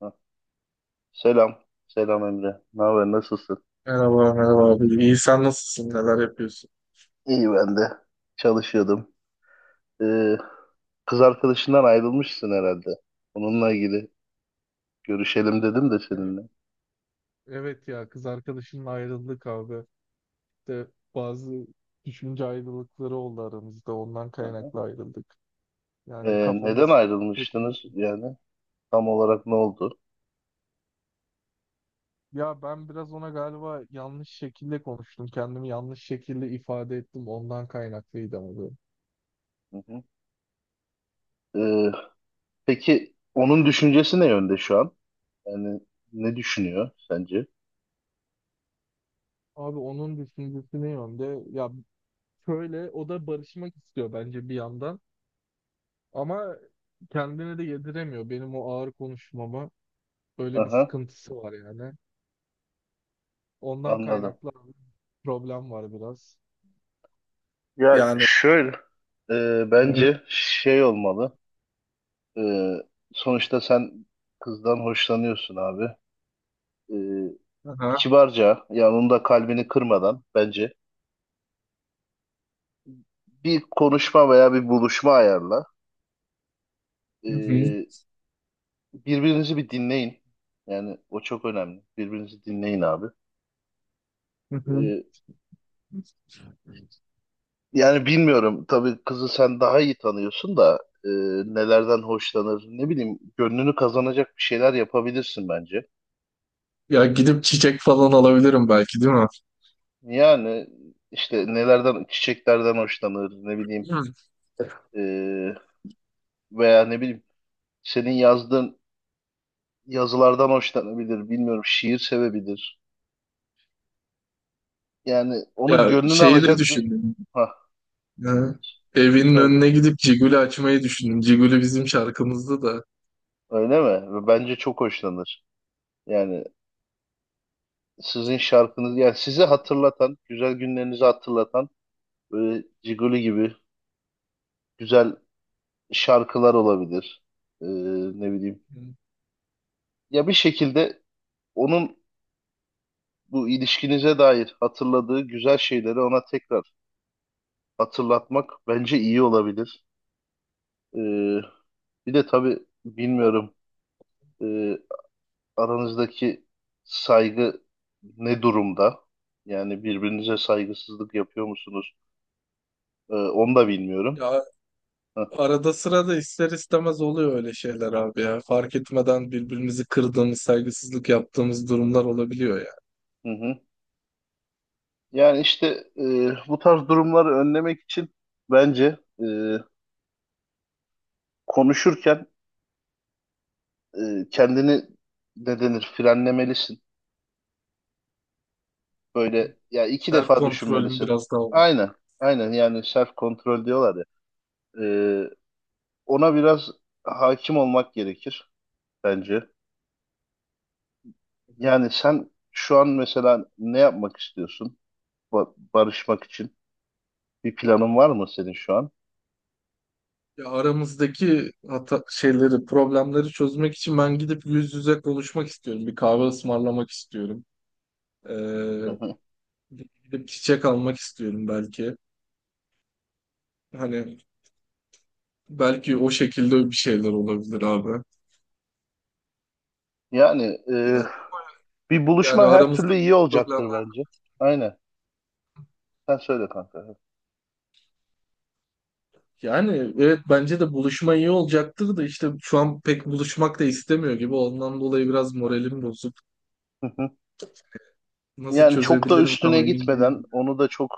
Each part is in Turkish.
Ha, selam. Selam Emre. Ne haber? Nasılsın? Merhaba, merhaba abi. İyi, sen nasılsın? Neler yapıyorsun? İyi ben de. Çalışıyordum. Ee, Kız arkadaşından ayrılmışsın herhalde. Onunla ilgili görüşelim dedim de Evet seninle. evet ya kız arkadaşımla ayrıldık abi. İşte bazı düşünce ayrılıkları oldu aramızda. Ondan Aha. kaynaklı ayrıldık. Yani Neden kafamız pek ayrılmıştınız uyuşmuyor. yani? Tam olarak ne oldu? Ya ben biraz ona galiba yanlış şekilde konuştum. Kendimi yanlış şekilde ifade ettim. Ondan kaynaklıydı abi. Hı hı. Ee, peki onun düşüncesi ne yönde şu an? Yani ne düşünüyor sence? Abi onun düşüncesi ne yönde? Ya şöyle o da barışmak istiyor bence bir yandan. Ama kendine de yediremiyor benim o ağır konuşmama. Böyle bir Aha, sıkıntısı var yani. Ondan anladım. kaynaklı abi problem var biraz. Ya Yani şöyle, hı hı. bence şey olmalı. Ee, Sonuçta sen kızdan hoşlanıyorsun abi. Ee, Aha. Kibarca yani onun da kalbini kırmadan bence bir konuşma veya bir buluşma ayarla. Hı hı. Ee, Birbirinizi bir dinleyin. Yani o çok önemli. Birbirinizi dinleyin abi. Hı hı. Ee, Yani bilmiyorum tabii kızı sen daha iyi tanıyorsun da e, nelerden hoşlanır ne bileyim gönlünü kazanacak bir şeyler yapabilirsin bence. Ya gidip çiçek falan alabilirim belki, değil mi? Yani işte nelerden çiçeklerden hoşlanır ne bileyim Hı. e, veya ne bileyim senin yazdığın yazılardan hoşlanabilir, bilmiyorum şiir sevebilir. Yani onun Ya gönlünü şeyi de alacak bir düşündüm. ha Hı. Evinin söyle önüne gidip Cigül'ü açmayı düşündüm. Cigül'ü bizim şarkımızda da. öyle mi? Bence çok hoşlanır. Yani sizin şarkınız yani sizi hatırlatan, güzel günlerinizi hatırlatan böyle Ciguli gibi güzel şarkılar olabilir. Ee, Ne bileyim. Hı. Ya bir şekilde onun bu ilişkinize dair hatırladığı güzel şeyleri ona tekrar hatırlatmak bence iyi olabilir. Ee, Bir de tabii bilmiyorum e, aranızdaki saygı ne durumda? Yani birbirinize saygısızlık yapıyor musunuz? Onu da bilmiyorum. Ya Heh, arada sırada ister istemez oluyor öyle şeyler abi ya. Fark etmeden birbirimizi kırdığımız, saygısızlık yaptığımız durumlar olabiliyor ya. hı hı. Yani işte bu tarz durumları önlemek için bence konuşurken kendini ne denir frenlemelisin. Böyle ya iki Self defa kontrolüm düşünmelisin. biraz daha olmalı. Aynen, aynen yani self kontrol diyorlar ya. Ee, Ona biraz hakim olmak gerekir. Bence. Hı. Yani sen şu an mesela ne yapmak istiyorsun? Barışmak için bir planın var mı senin şu an? Ya aramızdaki hata şeyleri, problemleri çözmek için ben gidip yüz yüze konuşmak istiyorum. Bir kahve ısmarlamak istiyorum. Ee, Hı hı. Gidip çiçek almak istiyorum belki. Hani belki o şekilde bir şeyler olabilir abi. Yani e, Yani, bir yani buluşma her aramızda türlü iyi büyük olacaktır problemler. bence. Aynen. Sen söyle kanka. Yani evet, bence de buluşma iyi olacaktır da işte şu an pek buluşmak da istemiyor gibi. Ondan dolayı biraz moralim bozuk. Hı hı. Nasıl Yani çok da çözebilirim tam üstüne emin gitmeden, değilim. onu da çok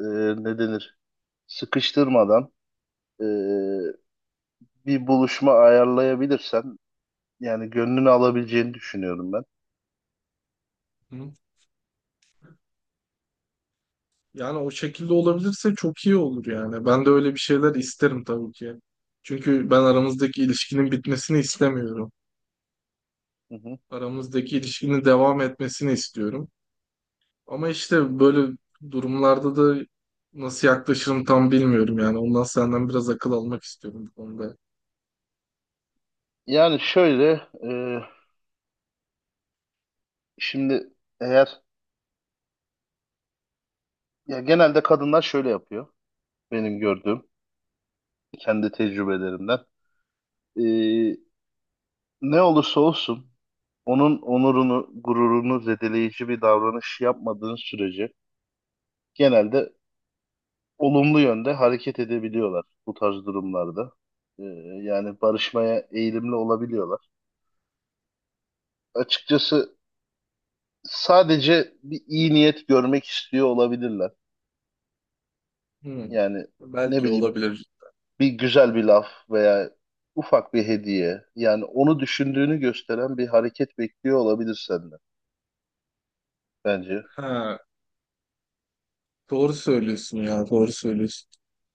ne denir, sıkıştırmadan e, bir buluşma ayarlayabilirsen, yani gönlünü alabileceğini düşünüyorum ben. Hı? Yani o şekilde olabilirse çok iyi olur yani. Ben de öyle bir şeyler isterim tabii ki. Çünkü ben aramızdaki ilişkinin bitmesini istemiyorum. Hı hı. Aramızdaki ilişkinin devam etmesini istiyorum. Ama işte böyle durumlarda da nasıl yaklaşırım tam bilmiyorum yani. Ondan senden biraz akıl almak istiyorum bu konuda. Yani şöyle, şimdi eğer ya genelde kadınlar şöyle yapıyor benim gördüğüm kendi tecrübelerimden. E, Ne olursa olsun onun onurunu, gururunu zedeleyici bir davranış yapmadığın sürece genelde olumlu yönde hareket edebiliyorlar bu tarz durumlarda. E, Yani barışmaya eğilimli olabiliyorlar. Açıkçası sadece bir iyi niyet görmek istiyor olabilirler. Hmm. Yani ne Belki bileyim olabilir. bir güzel bir laf veya ufak bir hediye yani onu düşündüğünü gösteren bir hareket bekliyor olabilir senden bence. Ha. Doğru söylüyorsun ya, doğru söylüyorsun.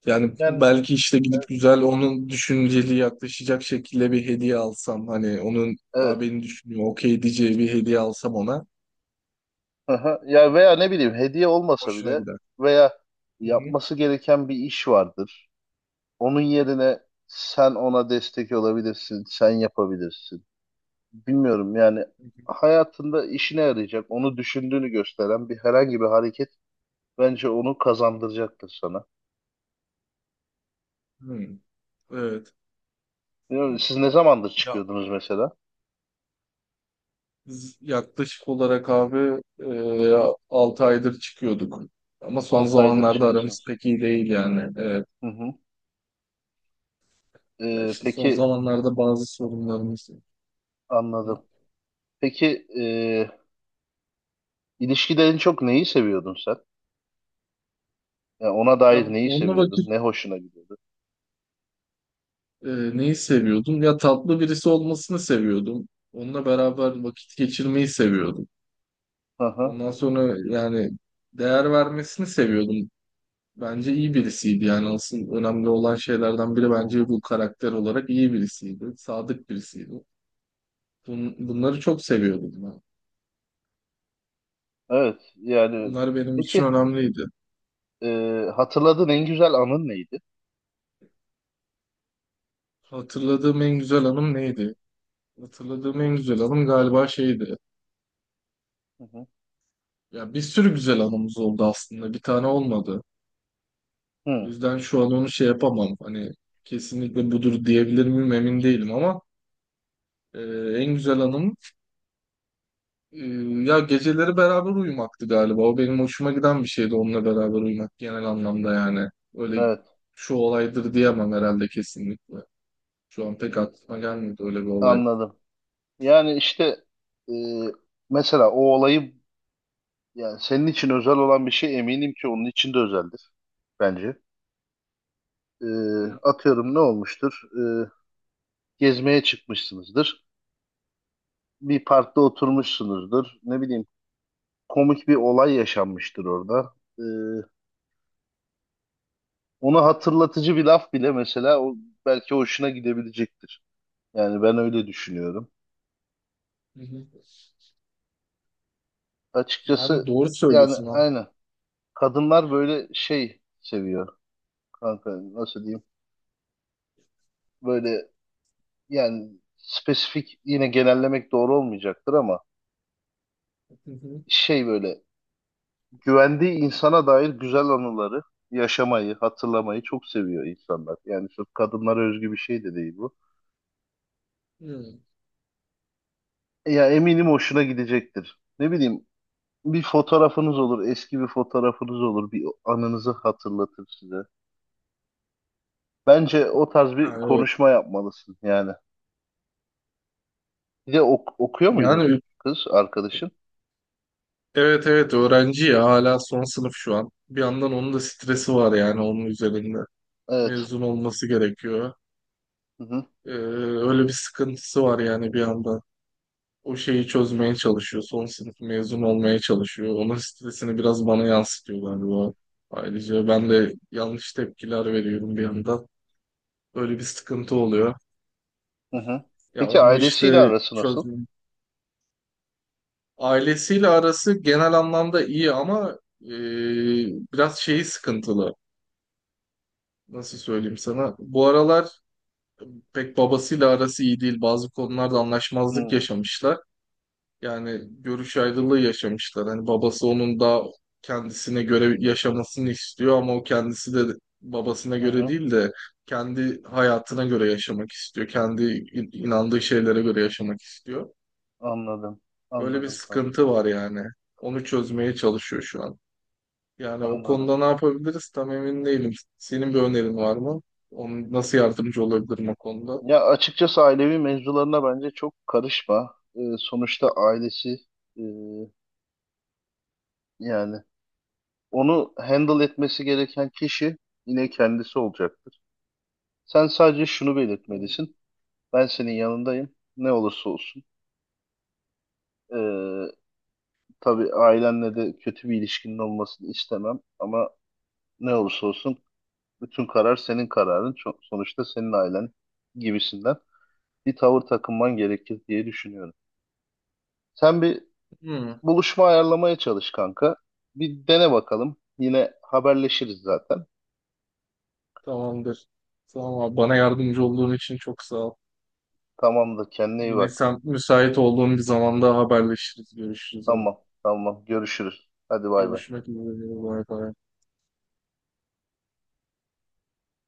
Yani Yani belki işte gidip güzel onun düşünceli yaklaşacak şekilde bir hediye alsam hani onun, evet. aa, beni düşünüyor okey diyeceği bir hediye alsam ona, Aha. Ya e, veya ne bileyim hediye olmasa hoşuna bile gider. veya Hı hı. yapması gereken bir iş vardır. Onun yerine sen ona destek olabilirsin, sen yapabilirsin. Bilmiyorum yani hayatında işine yarayacak, onu düşündüğünü gösteren bir herhangi bir hareket bence onu kazandıracaktır sana. Hı. Evet. Bilmiyorum, siz ne zamandır Ya, çıkıyordunuz mesela? biz yaklaşık olarak abi 6 aydır çıkıyorduk. Ama son 6 aydır zamanlarda aramız çıkıyorsunuz. pek iyi değil yani. Evet. Hı hı. Ya İşte son Peki zamanlarda bazı sorunlarımız. Hı hı. anladım. Peki ilişkide en çok neyi seviyordun sen? Yani ona Ya dair neyi onunla seviyordun? vakit, Ne hoşuna gidiyordu? Neyi seviyordum? Ya tatlı birisi olmasını seviyordum. Onunla beraber vakit geçirmeyi seviyordum. Hı hı. Ondan sonra yani değer vermesini seviyordum. Bence iyi birisiydi yani asıl önemli olan şeylerden biri Hı bence hı. bu, karakter olarak iyi birisiydi. Sadık birisiydi. Bunları çok seviyordum ben. Evet yani Onlar benim için peki önemliydi. e, hatırladığın en güzel anın neydi? Hatırladığım en güzel anım neydi? Hatırladığım en güzel anım galiba şeydi. Hı hı. Ya bir sürü güzel anımız oldu aslında. Bir tane olmadı. O Hı, yüzden şu an onu şey yapamam. Hani kesinlikle budur diyebilir miyim emin değilim ama e, en güzel anım, e, ya geceleri beraber uyumaktı galiba. O benim hoşuma giden bir şeydi, onunla beraber uyumak genel anlamda yani. Öyle evet şu olaydır diyemem herhalde kesinlikle. Şu an pek aklıma gelmedi öyle bir olay. anladım. Yani işte e, mesela o olayı yani senin için özel olan bir şey eminim ki onun için de özeldir bence. E, Hı, Atıyorum ne olmuştur? E, Gezmeye çıkmışsınızdır. Bir parkta hı, oturmuşsunuzdur. Ne bileyim komik bir olay yaşanmıştır orada. Ee, Onu hatırlatıcı bir laf bile mesela o belki hoşuna gidebilecektir. Yani ben öyle düşünüyorum. hı, hı. Yani Açıkçası doğru yani söylüyorsun ha. aynen. Kadınlar böyle şey seviyor kanka nasıl diyeyim? Böyle yani spesifik yine genellemek doğru olmayacaktır ama Hı, hı, şey böyle güvendiği insana dair güzel anıları yaşamayı, hatırlamayı çok seviyor insanlar. Yani sırf kadınlara özgü bir şey de değil bu. hı. Ya eminim hoşuna gidecektir. Ne bileyim bir fotoğrafınız olur, eski bir fotoğrafınız olur, bir anınızı hatırlatır size. Bence o tarz bir Yani evet. konuşma yapmalısın yani. Bir de okuyor muydu Yani kız arkadaşın? evet öğrenci ya hala son sınıf şu an. Bir yandan onun da stresi var yani onun üzerinde. Evet. Mezun olması gerekiyor. Hı hı, Ee, Öyle bir sıkıntısı var yani bir yandan. O şeyi çözmeye çalışıyor. Son sınıf mezun olmaya çalışıyor. Onun stresini biraz bana yansıtıyor galiba. Ayrıca ben de yanlış tepkiler veriyorum bir yandan. Öyle bir sıkıntı oluyor. hı hı. Ya Peki onu ailesiyle işte arası nasıl? çözmeyeyim. Ailesiyle arası genel anlamda iyi ama e, biraz şeyi sıkıntılı. Nasıl söyleyeyim sana? Bu aralar pek babasıyla arası iyi değil. Bazı konularda anlaşmazlık Hı yaşamışlar. Yani görüş ayrılığı yaşamışlar. Hani babası onun daha kendisine göre yaşamasını istiyor ama o kendisi de babasına hı, göre hı. değil de kendi hayatına göre yaşamak istiyor. Kendi inandığı şeylere göre yaşamak istiyor. Anladım. Öyle bir Anladım kanka. sıkıntı var yani. Onu çözmeye çalışıyor şu an. Yani o Anladım. konuda ne yapabiliriz tam emin değilim. Senin bir önerin var mı? Onun nasıl yardımcı olabilirim o konuda? Ya açıkçası ailevi mevzularına bence çok karışma. Sonuçta ailesi e, yani onu handle etmesi gereken kişi yine kendisi olacaktır. Sen sadece şunu belirtmelisin. Ben senin yanındayım. Ne olursa olsun. Ee, tabii ailenle de kötü bir ilişkinin olmasını istemem. Ama ne olursa olsun bütün karar senin kararın. Sonuçta senin ailen gibisinden bir tavır takınman gerekir diye düşünüyorum. Sen bir Hmm, buluşma ayarlamaya çalış kanka. Bir dene bakalım. Yine haberleşiriz zaten. tamamdır. Tamam abi. Bana yardımcı olduğun için çok sağ ol. Tamamdır kendine iyi Yine bak. sen müsait olduğun bir zamanda haberleşiriz, görüşürüz. Yani Tamam, tamam. Görüşürüz. Hadi bay bay. görüşmek üzere. Bay bay.